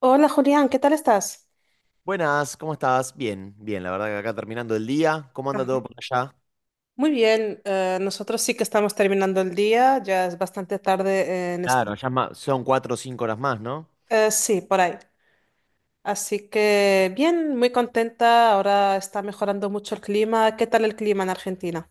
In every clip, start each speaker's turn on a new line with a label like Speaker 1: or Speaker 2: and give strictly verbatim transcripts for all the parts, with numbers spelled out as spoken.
Speaker 1: Hola Julián, ¿qué tal estás?
Speaker 2: Buenas, ¿cómo estás? Bien, bien, la verdad que acá terminando el día. ¿Cómo anda todo por allá?
Speaker 1: Muy bien, eh, nosotros sí que estamos terminando el día, ya es bastante tarde en España.
Speaker 2: Claro, ya es ma- son cuatro o cinco horas más, ¿no?
Speaker 1: Eh, sí, por ahí. Así que bien, muy contenta, ahora está mejorando mucho el clima. ¿Qué tal el clima en Argentina?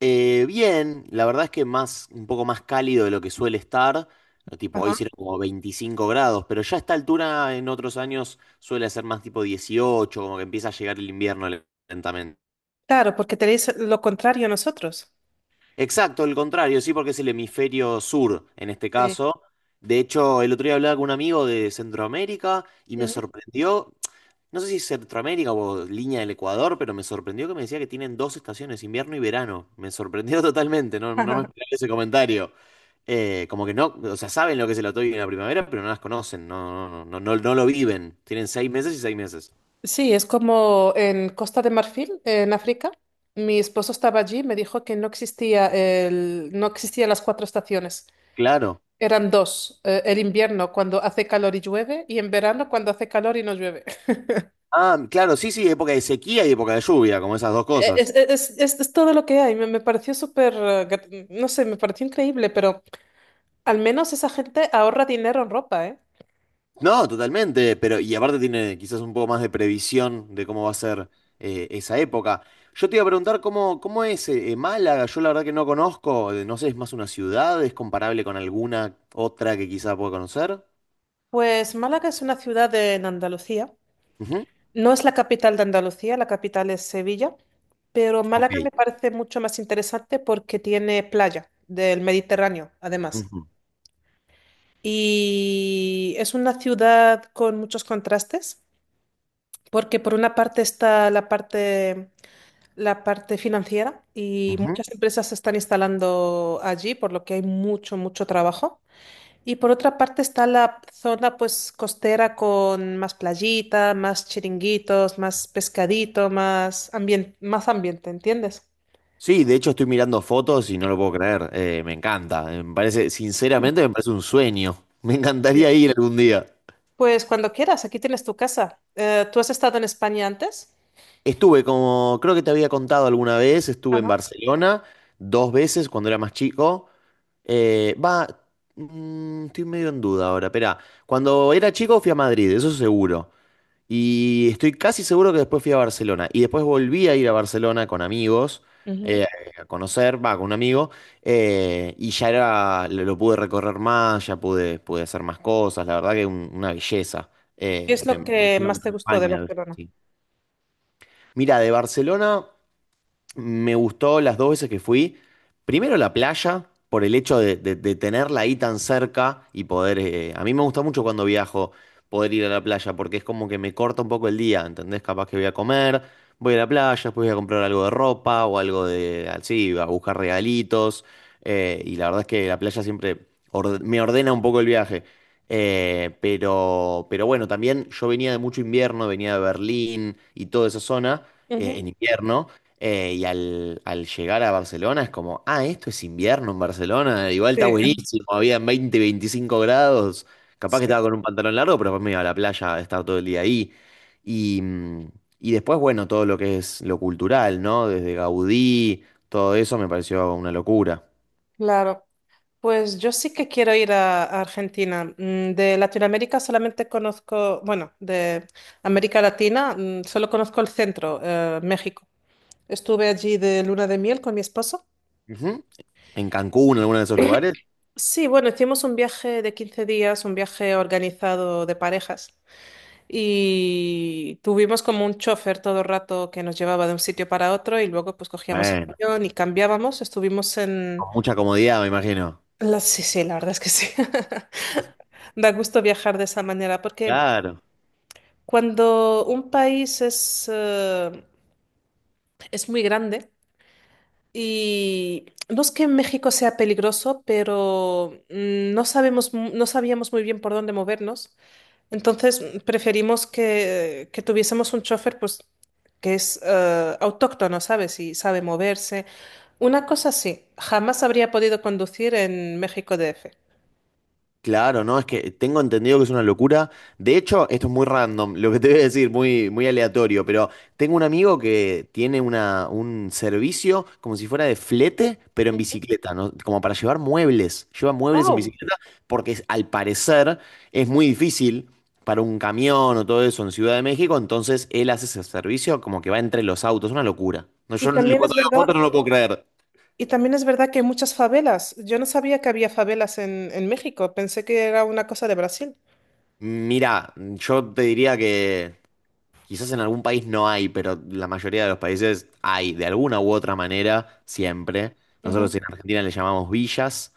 Speaker 2: Eh, bien, la verdad es que más, un poco más cálido de lo que suele estar. eh, Tipo,
Speaker 1: Ajá.
Speaker 2: hoy sirve como veinticinco grados, pero ya a esta altura en otros años suele ser más tipo dieciocho, como que empieza a llegar el invierno lentamente.
Speaker 1: Claro, porque tenéis lo contrario a nosotros.
Speaker 2: Exacto, el contrario, sí, porque es el hemisferio sur en este
Speaker 1: Sí.
Speaker 2: caso. De hecho, el otro día hablaba con un amigo de Centroamérica y me
Speaker 1: Ujú.
Speaker 2: sorprendió, no sé si es Centroamérica o línea del Ecuador, pero me sorprendió que me decía que tienen dos estaciones, invierno y verano. Me sorprendió totalmente, no, no me esperaba ese comentario. Eh, como que no, o sea, saben lo que es el otoño y la primavera, pero no las conocen, no, no, no, no, no no lo viven. Tienen seis meses y seis meses.
Speaker 1: Sí, es como en Costa de Marfil, en África. Mi esposo estaba allí, me dijo que no existía el, no existían las cuatro estaciones.
Speaker 2: Claro.
Speaker 1: Eran dos, eh, el invierno cuando hace calor y llueve y en verano cuando hace calor y no llueve.
Speaker 2: Ah, claro, sí, sí, época de sequía y época de lluvia, como esas dos
Speaker 1: Es,
Speaker 2: cosas.
Speaker 1: eh, es- es- es todo lo que hay, me, me pareció súper, eh, grat- no sé, me pareció increíble, pero al menos esa gente ahorra dinero en ropa, ¿eh?
Speaker 2: No, totalmente, pero y aparte tiene quizás un poco más de previsión de cómo va a ser eh, esa época. Yo te iba a preguntar cómo, cómo es eh, eh, Málaga. Yo la verdad que no conozco, eh, no sé, es más una ciudad, es comparable con alguna otra que quizás pueda conocer.
Speaker 1: Pues Málaga es una ciudad en Andalucía,
Speaker 2: Ujú.
Speaker 1: no es la capital de Andalucía, la capital es Sevilla, pero Málaga me
Speaker 2: Ok,
Speaker 1: parece mucho más interesante porque tiene playa del Mediterráneo, además.
Speaker 2: ujú,
Speaker 1: Y es una ciudad con muchos contrastes. Porque por una parte está la parte, la parte financiera y
Speaker 2: ujú.
Speaker 1: muchas empresas se están instalando allí, por lo que hay mucho, mucho trabajo. Y por otra parte está la zona pues costera con más playita, más chiringuitos, más pescadito, más ambien- más ambiente, ¿entiendes?
Speaker 2: Sí, de hecho estoy mirando fotos y no lo puedo creer, eh, me encanta, eh, me parece, sinceramente me parece un sueño, me
Speaker 1: Sí.
Speaker 2: encantaría ir algún día.
Speaker 1: Pues cuando quieras, aquí tienes tu casa. Eh, ¿tú has estado en España antes?
Speaker 2: Estuve, como creo que te había contado alguna vez, estuve en
Speaker 1: Ajá.
Speaker 2: Barcelona dos veces cuando era más chico. Eh, va, mm, estoy medio en duda ahora, espera. Cuando era chico fui a Madrid, eso seguro. Y estoy casi seguro que después fui a Barcelona. Y después volví a ir a Barcelona con amigos,
Speaker 1: Ujú.
Speaker 2: eh, a conocer, va, con un amigo. Eh, y ya era, lo, lo pude recorrer más, ya pude, pude hacer más cosas. La verdad que un- una belleza.
Speaker 1: ¿Qué
Speaker 2: Eh,
Speaker 1: es
Speaker 2: me
Speaker 1: lo
Speaker 2: me
Speaker 1: que
Speaker 2: imagino que
Speaker 1: más te gustó de
Speaker 2: España debe.
Speaker 1: Barcelona?
Speaker 2: Mira, de Barcelona. Me gustó las dos veces que fui. Primero la playa, por el hecho de, de- de tenerla ahí tan cerca y poder... eh, a mí me gusta mucho cuando viajo poder ir a la playa, porque es como que me corta un poco el día, ¿entendés? Capaz que voy a comer, voy a la playa, después voy a comprar algo de ropa o algo de... así, a buscar regalitos. Eh, y la verdad es que la playa siempre orde- me ordena un poco el viaje. Eh, pero, pero bueno, también yo venía de mucho invierno, venía de Berlín y toda esa zona eh,
Speaker 1: Ujú.
Speaker 2: en invierno. Eh, y al, al llegar a Barcelona es como, ah, esto es invierno en Barcelona, igual está
Speaker 1: Sí,
Speaker 2: buenísimo, habían veinte, 25 grados, capaz que
Speaker 1: sí.
Speaker 2: estaba con un pantalón largo, pero después me iba a la playa a estar todo el día ahí. Y, mm, y después, bueno, todo lo que es lo cultural, ¿no? Desde Gaudí, todo eso me pareció una locura.
Speaker 1: Claro. Pues yo sí que quiero ir a, a Argentina. Mm, de Latinoamérica solamente conozco, bueno, de América Latina mm, solo conozco el centro, eh, México. Estuve allí de luna de miel con mi esposo.
Speaker 2: Ujú. En Cancún, en alguno de esos lugares,
Speaker 1: Sí, bueno, hicimos un viaje de quince días, un viaje organizado de parejas y tuvimos como un chofer todo el rato que nos llevaba de un sitio para otro y luego pues cogíamos el
Speaker 2: bueno,
Speaker 1: avión y cambiábamos. Estuvimos en...
Speaker 2: con mucha comodidad, me imagino.
Speaker 1: La... Sí, sí, la verdad es que sí. Da gusto viajar de esa manera porque
Speaker 2: Claro.
Speaker 1: cuando un país es, eh, es muy grande y no es que México sea peligroso, pero mm, no sabemos, mu- no sabíamos muy bien por dónde movernos. Entonces mm, preferimos que, que tuviésemos un chofer pues, que es eh, autóctono, ¿sabes? Y sabe moverse. Una cosa sí, jamás habría podido conducir en México D F.
Speaker 2: Claro, no, es que tengo entendido que es una locura. De hecho, esto es muy random, lo que te voy a decir, muy, muy aleatorio, pero tengo un amigo que tiene una, un servicio como si fuera de flete, pero en
Speaker 1: Ujú.
Speaker 2: bicicleta, ¿no? Como para llevar muebles. Lleva muebles en
Speaker 1: Oh,
Speaker 2: bicicleta porque es- al parecer es muy difícil para un camión o todo eso en Ciudad de México. Entonces él hace ese servicio como que va entre los autos, es una locura. No,
Speaker 1: y
Speaker 2: yo no-
Speaker 1: también es
Speaker 2: cuando veo
Speaker 1: verdad,
Speaker 2: fotos no lo puedo creer.
Speaker 1: y también es verdad que hay muchas favelas. Yo no sabía que había favelas en, en México, pensé que era una cosa de Brasil.
Speaker 2: Mira, yo te diría que... Quizás en algún país no hay, pero la mayoría de los países hay, de alguna u otra manera, siempre. Nosotros
Speaker 1: Ujú.
Speaker 2: en Argentina le llamamos villas,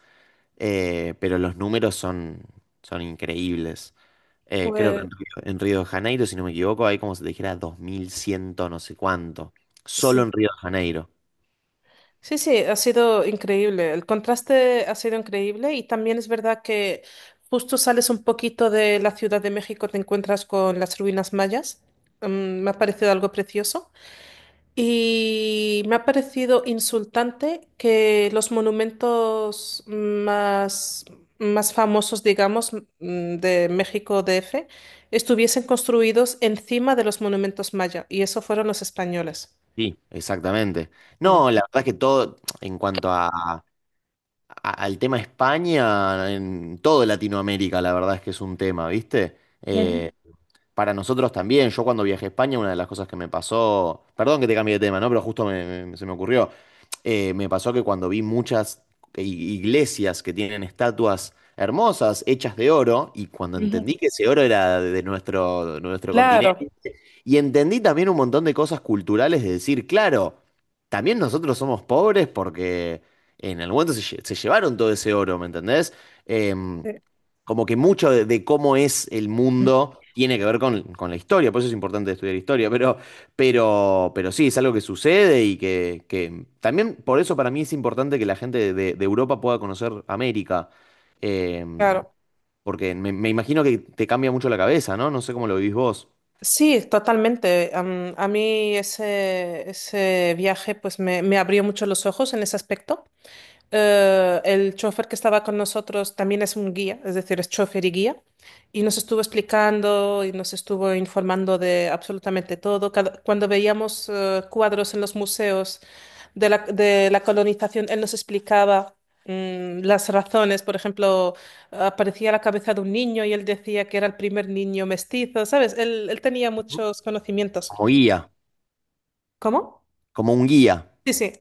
Speaker 2: eh, pero los números son, son increíbles. Eh, creo que en
Speaker 1: Pues
Speaker 2: Río, en Río de Janeiro, si no me equivoco, hay como se te dijera dos mil cien no sé cuánto. Solo
Speaker 1: sí,
Speaker 2: en Río de Janeiro.
Speaker 1: sí, sí, ha sido increíble. El contraste ha sido increíble y también es verdad que justo sales un poquito de la Ciudad de México, te encuentras con las ruinas mayas. Mm, me ha parecido algo precioso. Y me ha parecido insultante que los monumentos más, más famosos, digamos, mm, de México D F, estuviesen construidos encima de los monumentos maya, y eso fueron los españoles.
Speaker 2: Sí, exactamente.
Speaker 1: Mm.
Speaker 2: No, la verdad es que todo, en cuanto a, a- al tema España, en todo Latinoamérica, la verdad es que es un tema, ¿viste?
Speaker 1: Ujú,
Speaker 2: Eh, para nosotros también. Yo cuando viajé a España, una de las cosas que me pasó, perdón que te cambie de tema, ¿no? Pero justo me- me- se me ocurrió. Eh, me pasó que cuando vi muchas i- iglesias que tienen estatuas hermosas, hechas de oro, y cuando
Speaker 1: ujú.
Speaker 2: entendí que ese oro era de nuestro, nuestro,
Speaker 1: Claro,
Speaker 2: y entendí también un montón de cosas culturales de decir, claro, también nosotros somos pobres porque en algún momento se, lle- se llevaron todo ese oro, ¿me entendés? Em,
Speaker 1: eh,
Speaker 2: como que mucho de, de cómo es el mundo tiene que ver con, con la historia, por eso es importante estudiar historia, pero, pero, pero sí, es algo que sucede y que, que también por eso para mí es importante que la gente de, de Europa pueda conocer América. Em,
Speaker 1: claro.
Speaker 2: porque me, me imagino que te cambia mucho la cabeza, ¿no? No sé cómo lo vivís vos,
Speaker 1: Sí, totalmente. Am- a mí ese, ese viaje pues me, me abrió mucho los ojos en ese aspecto. Eh, el chofer que estaba con nosotros también es un guía, es decir, es chofer y guía, y nos estuvo explicando y nos estuvo informando de absolutamente todo. Cada- cuando veíamos eh, cuadros en los museos de la, de la colonización, él nos explicaba mm, las razones. Por ejemplo, aparecía la cabeza de un niño y él decía que era el primer niño mestizo, ¿sabes? Él, él tenía muchos conocimientos.
Speaker 2: como guía.
Speaker 1: ¿Cómo?
Speaker 2: Como un guía.
Speaker 1: Sí, sí.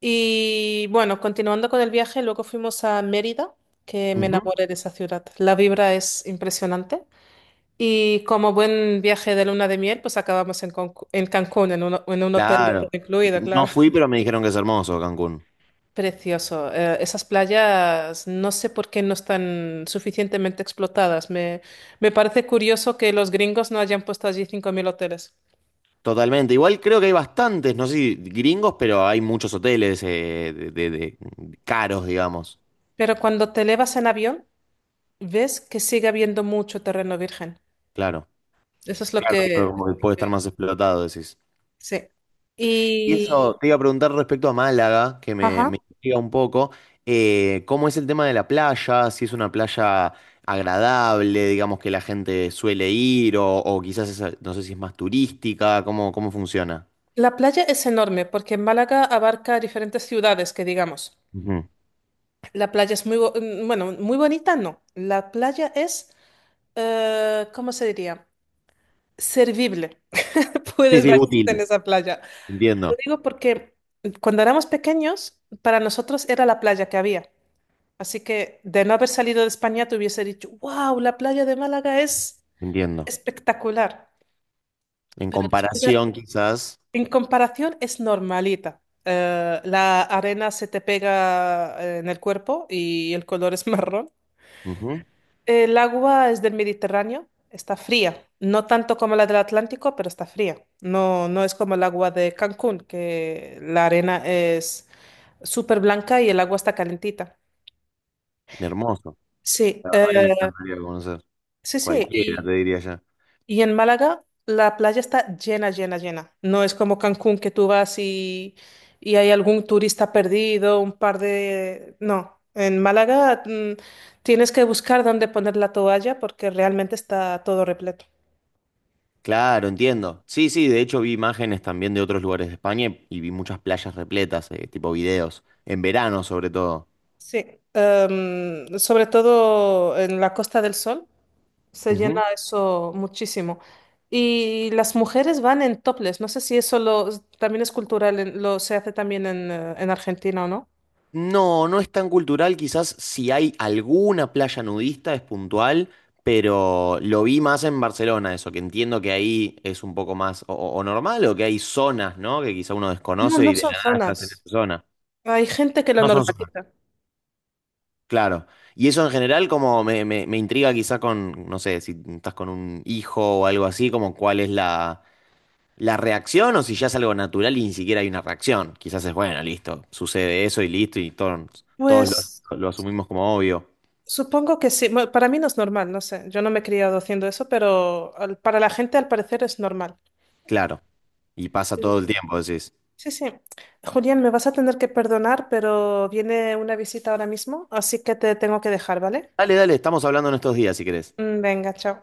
Speaker 1: Y bueno, continuando con el viaje, luego fuimos a Mérida, que me
Speaker 2: Ujú.
Speaker 1: enamoré de esa ciudad. La vibra es impresionante. Y como buen viaje de luna de miel, pues acabamos en, Concu- en Cancún, en un, en un hotel de todo
Speaker 2: Claro.
Speaker 1: incluido,
Speaker 2: No
Speaker 1: claro.
Speaker 2: fui, pero me dijeron que es hermoso Cancún.
Speaker 1: Precioso. Eh, esas playas no sé por qué no están suficientemente explotadas. Me, me parece curioso que los gringos no hayan puesto allí cinco mil hoteles.
Speaker 2: Totalmente. Igual creo que hay bastantes, no sé si gringos, pero hay muchos hoteles eh, de, de- de- caros, digamos.
Speaker 1: Pero cuando te elevas en avión, ves que sigue habiendo mucho terreno virgen.
Speaker 2: Claro.
Speaker 1: Eso es lo
Speaker 2: Claro, claro,
Speaker 1: que...
Speaker 2: como que puede estar más explotado, decís.
Speaker 1: Sí.
Speaker 2: Y eso
Speaker 1: Y,
Speaker 2: te iba a preguntar respecto a Málaga, que me,
Speaker 1: ajá.
Speaker 2: me intriga un poco. Eh, ¿cómo es el tema de la playa? Si es una playa agradable, digamos que la gente suele ir, o, o quizás es- no sé si es más turística, ¿cómo, cómo funciona?
Speaker 1: La playa es enorme porque Málaga abarca diferentes ciudades, que digamos. La playa es muy, bo- mm, bueno, muy bonita, no. La playa es, eh, ¿cómo se diría? Servible.
Speaker 2: Sí,
Speaker 1: Puedes
Speaker 2: sí,
Speaker 1: bañarte en
Speaker 2: útil.
Speaker 1: esa playa. Lo
Speaker 2: Entiendo,
Speaker 1: digo porque cuando éramos pequeños, para nosotros era la playa que había. Así que de no haber salido de España, te hubiese dicho, wow, la playa de Málaga es
Speaker 2: entiendo.
Speaker 1: espectacular.
Speaker 2: En
Speaker 1: Pero después
Speaker 2: comparación,
Speaker 1: de,
Speaker 2: quizás.
Speaker 1: En comparación es normalita. Eh, la arena se te pega eh, en el cuerpo y el color es marrón.
Speaker 2: Ujú,
Speaker 1: El agua es del Mediterráneo, está fría. No tanto como la del Atlántico, pero está fría. No, no es como el agua de Cancún, que la arena es súper blanca y el agua está calentita.
Speaker 2: hermoso.
Speaker 1: Sí,
Speaker 2: La verdad que me
Speaker 1: eh,
Speaker 2: encantaría conocer.
Speaker 1: sí, sí.
Speaker 2: Cualquiera, te
Speaker 1: Y
Speaker 2: diría ya.
Speaker 1: y en Málaga la playa está llena, llena, llena. No es como Cancún que tú vas y, y hay algún turista perdido, un par de... No, en Málaga mm, tienes que buscar dónde poner la toalla porque realmente está todo repleto.
Speaker 2: Claro, entiendo. Sí, sí, de hecho vi imágenes también de otros lugares de España y vi muchas playas repletas, eh, tipo videos. En verano, sobre todo.
Speaker 1: Sí, em, sobre todo en la Costa del Sol se llena eso muchísimo. Y las mujeres van en topless. No sé si eso lo, también es cultural, en- lo se hace también en, eh, en Argentina o no.
Speaker 2: No, no es tan cultural, quizás si hay alguna playa nudista es puntual, pero lo vi más en Barcelona, eso, que entiendo que ahí es un poco más o, o- o normal o que hay zonas, ¿no? Que quizá uno
Speaker 1: No,
Speaker 2: desconoce
Speaker 1: no
Speaker 2: y de
Speaker 1: son
Speaker 2: la nada estás en esa
Speaker 1: zonas.
Speaker 2: zona.
Speaker 1: Hay gente que lo
Speaker 2: No son zonas.
Speaker 1: normaliza.
Speaker 2: Claro. Y eso en general como me, me- me intriga quizá con, no sé, si estás con un hijo o algo así, como cuál es la, la reacción, o si ya es algo natural y ni siquiera hay una reacción. Quizás es, bueno, listo, sucede eso y listo y todos, todos lo as-
Speaker 1: Pues
Speaker 2: lo asumimos como obvio.
Speaker 1: supongo que sí. Bueno, para mí no es normal, no sé. Yo no me he criado haciendo eso, pero al- para la gente al parecer es normal.
Speaker 2: Claro. Y pasa todo el tiempo, decís.
Speaker 1: Sí, sí. Julián, me vas a tener que perdonar, pero viene una visita ahora mismo, así que te tengo que dejar, ¿vale?
Speaker 2: Dale, dale, estamos hablando en estos días, si querés.
Speaker 1: Mm, Venga, chao.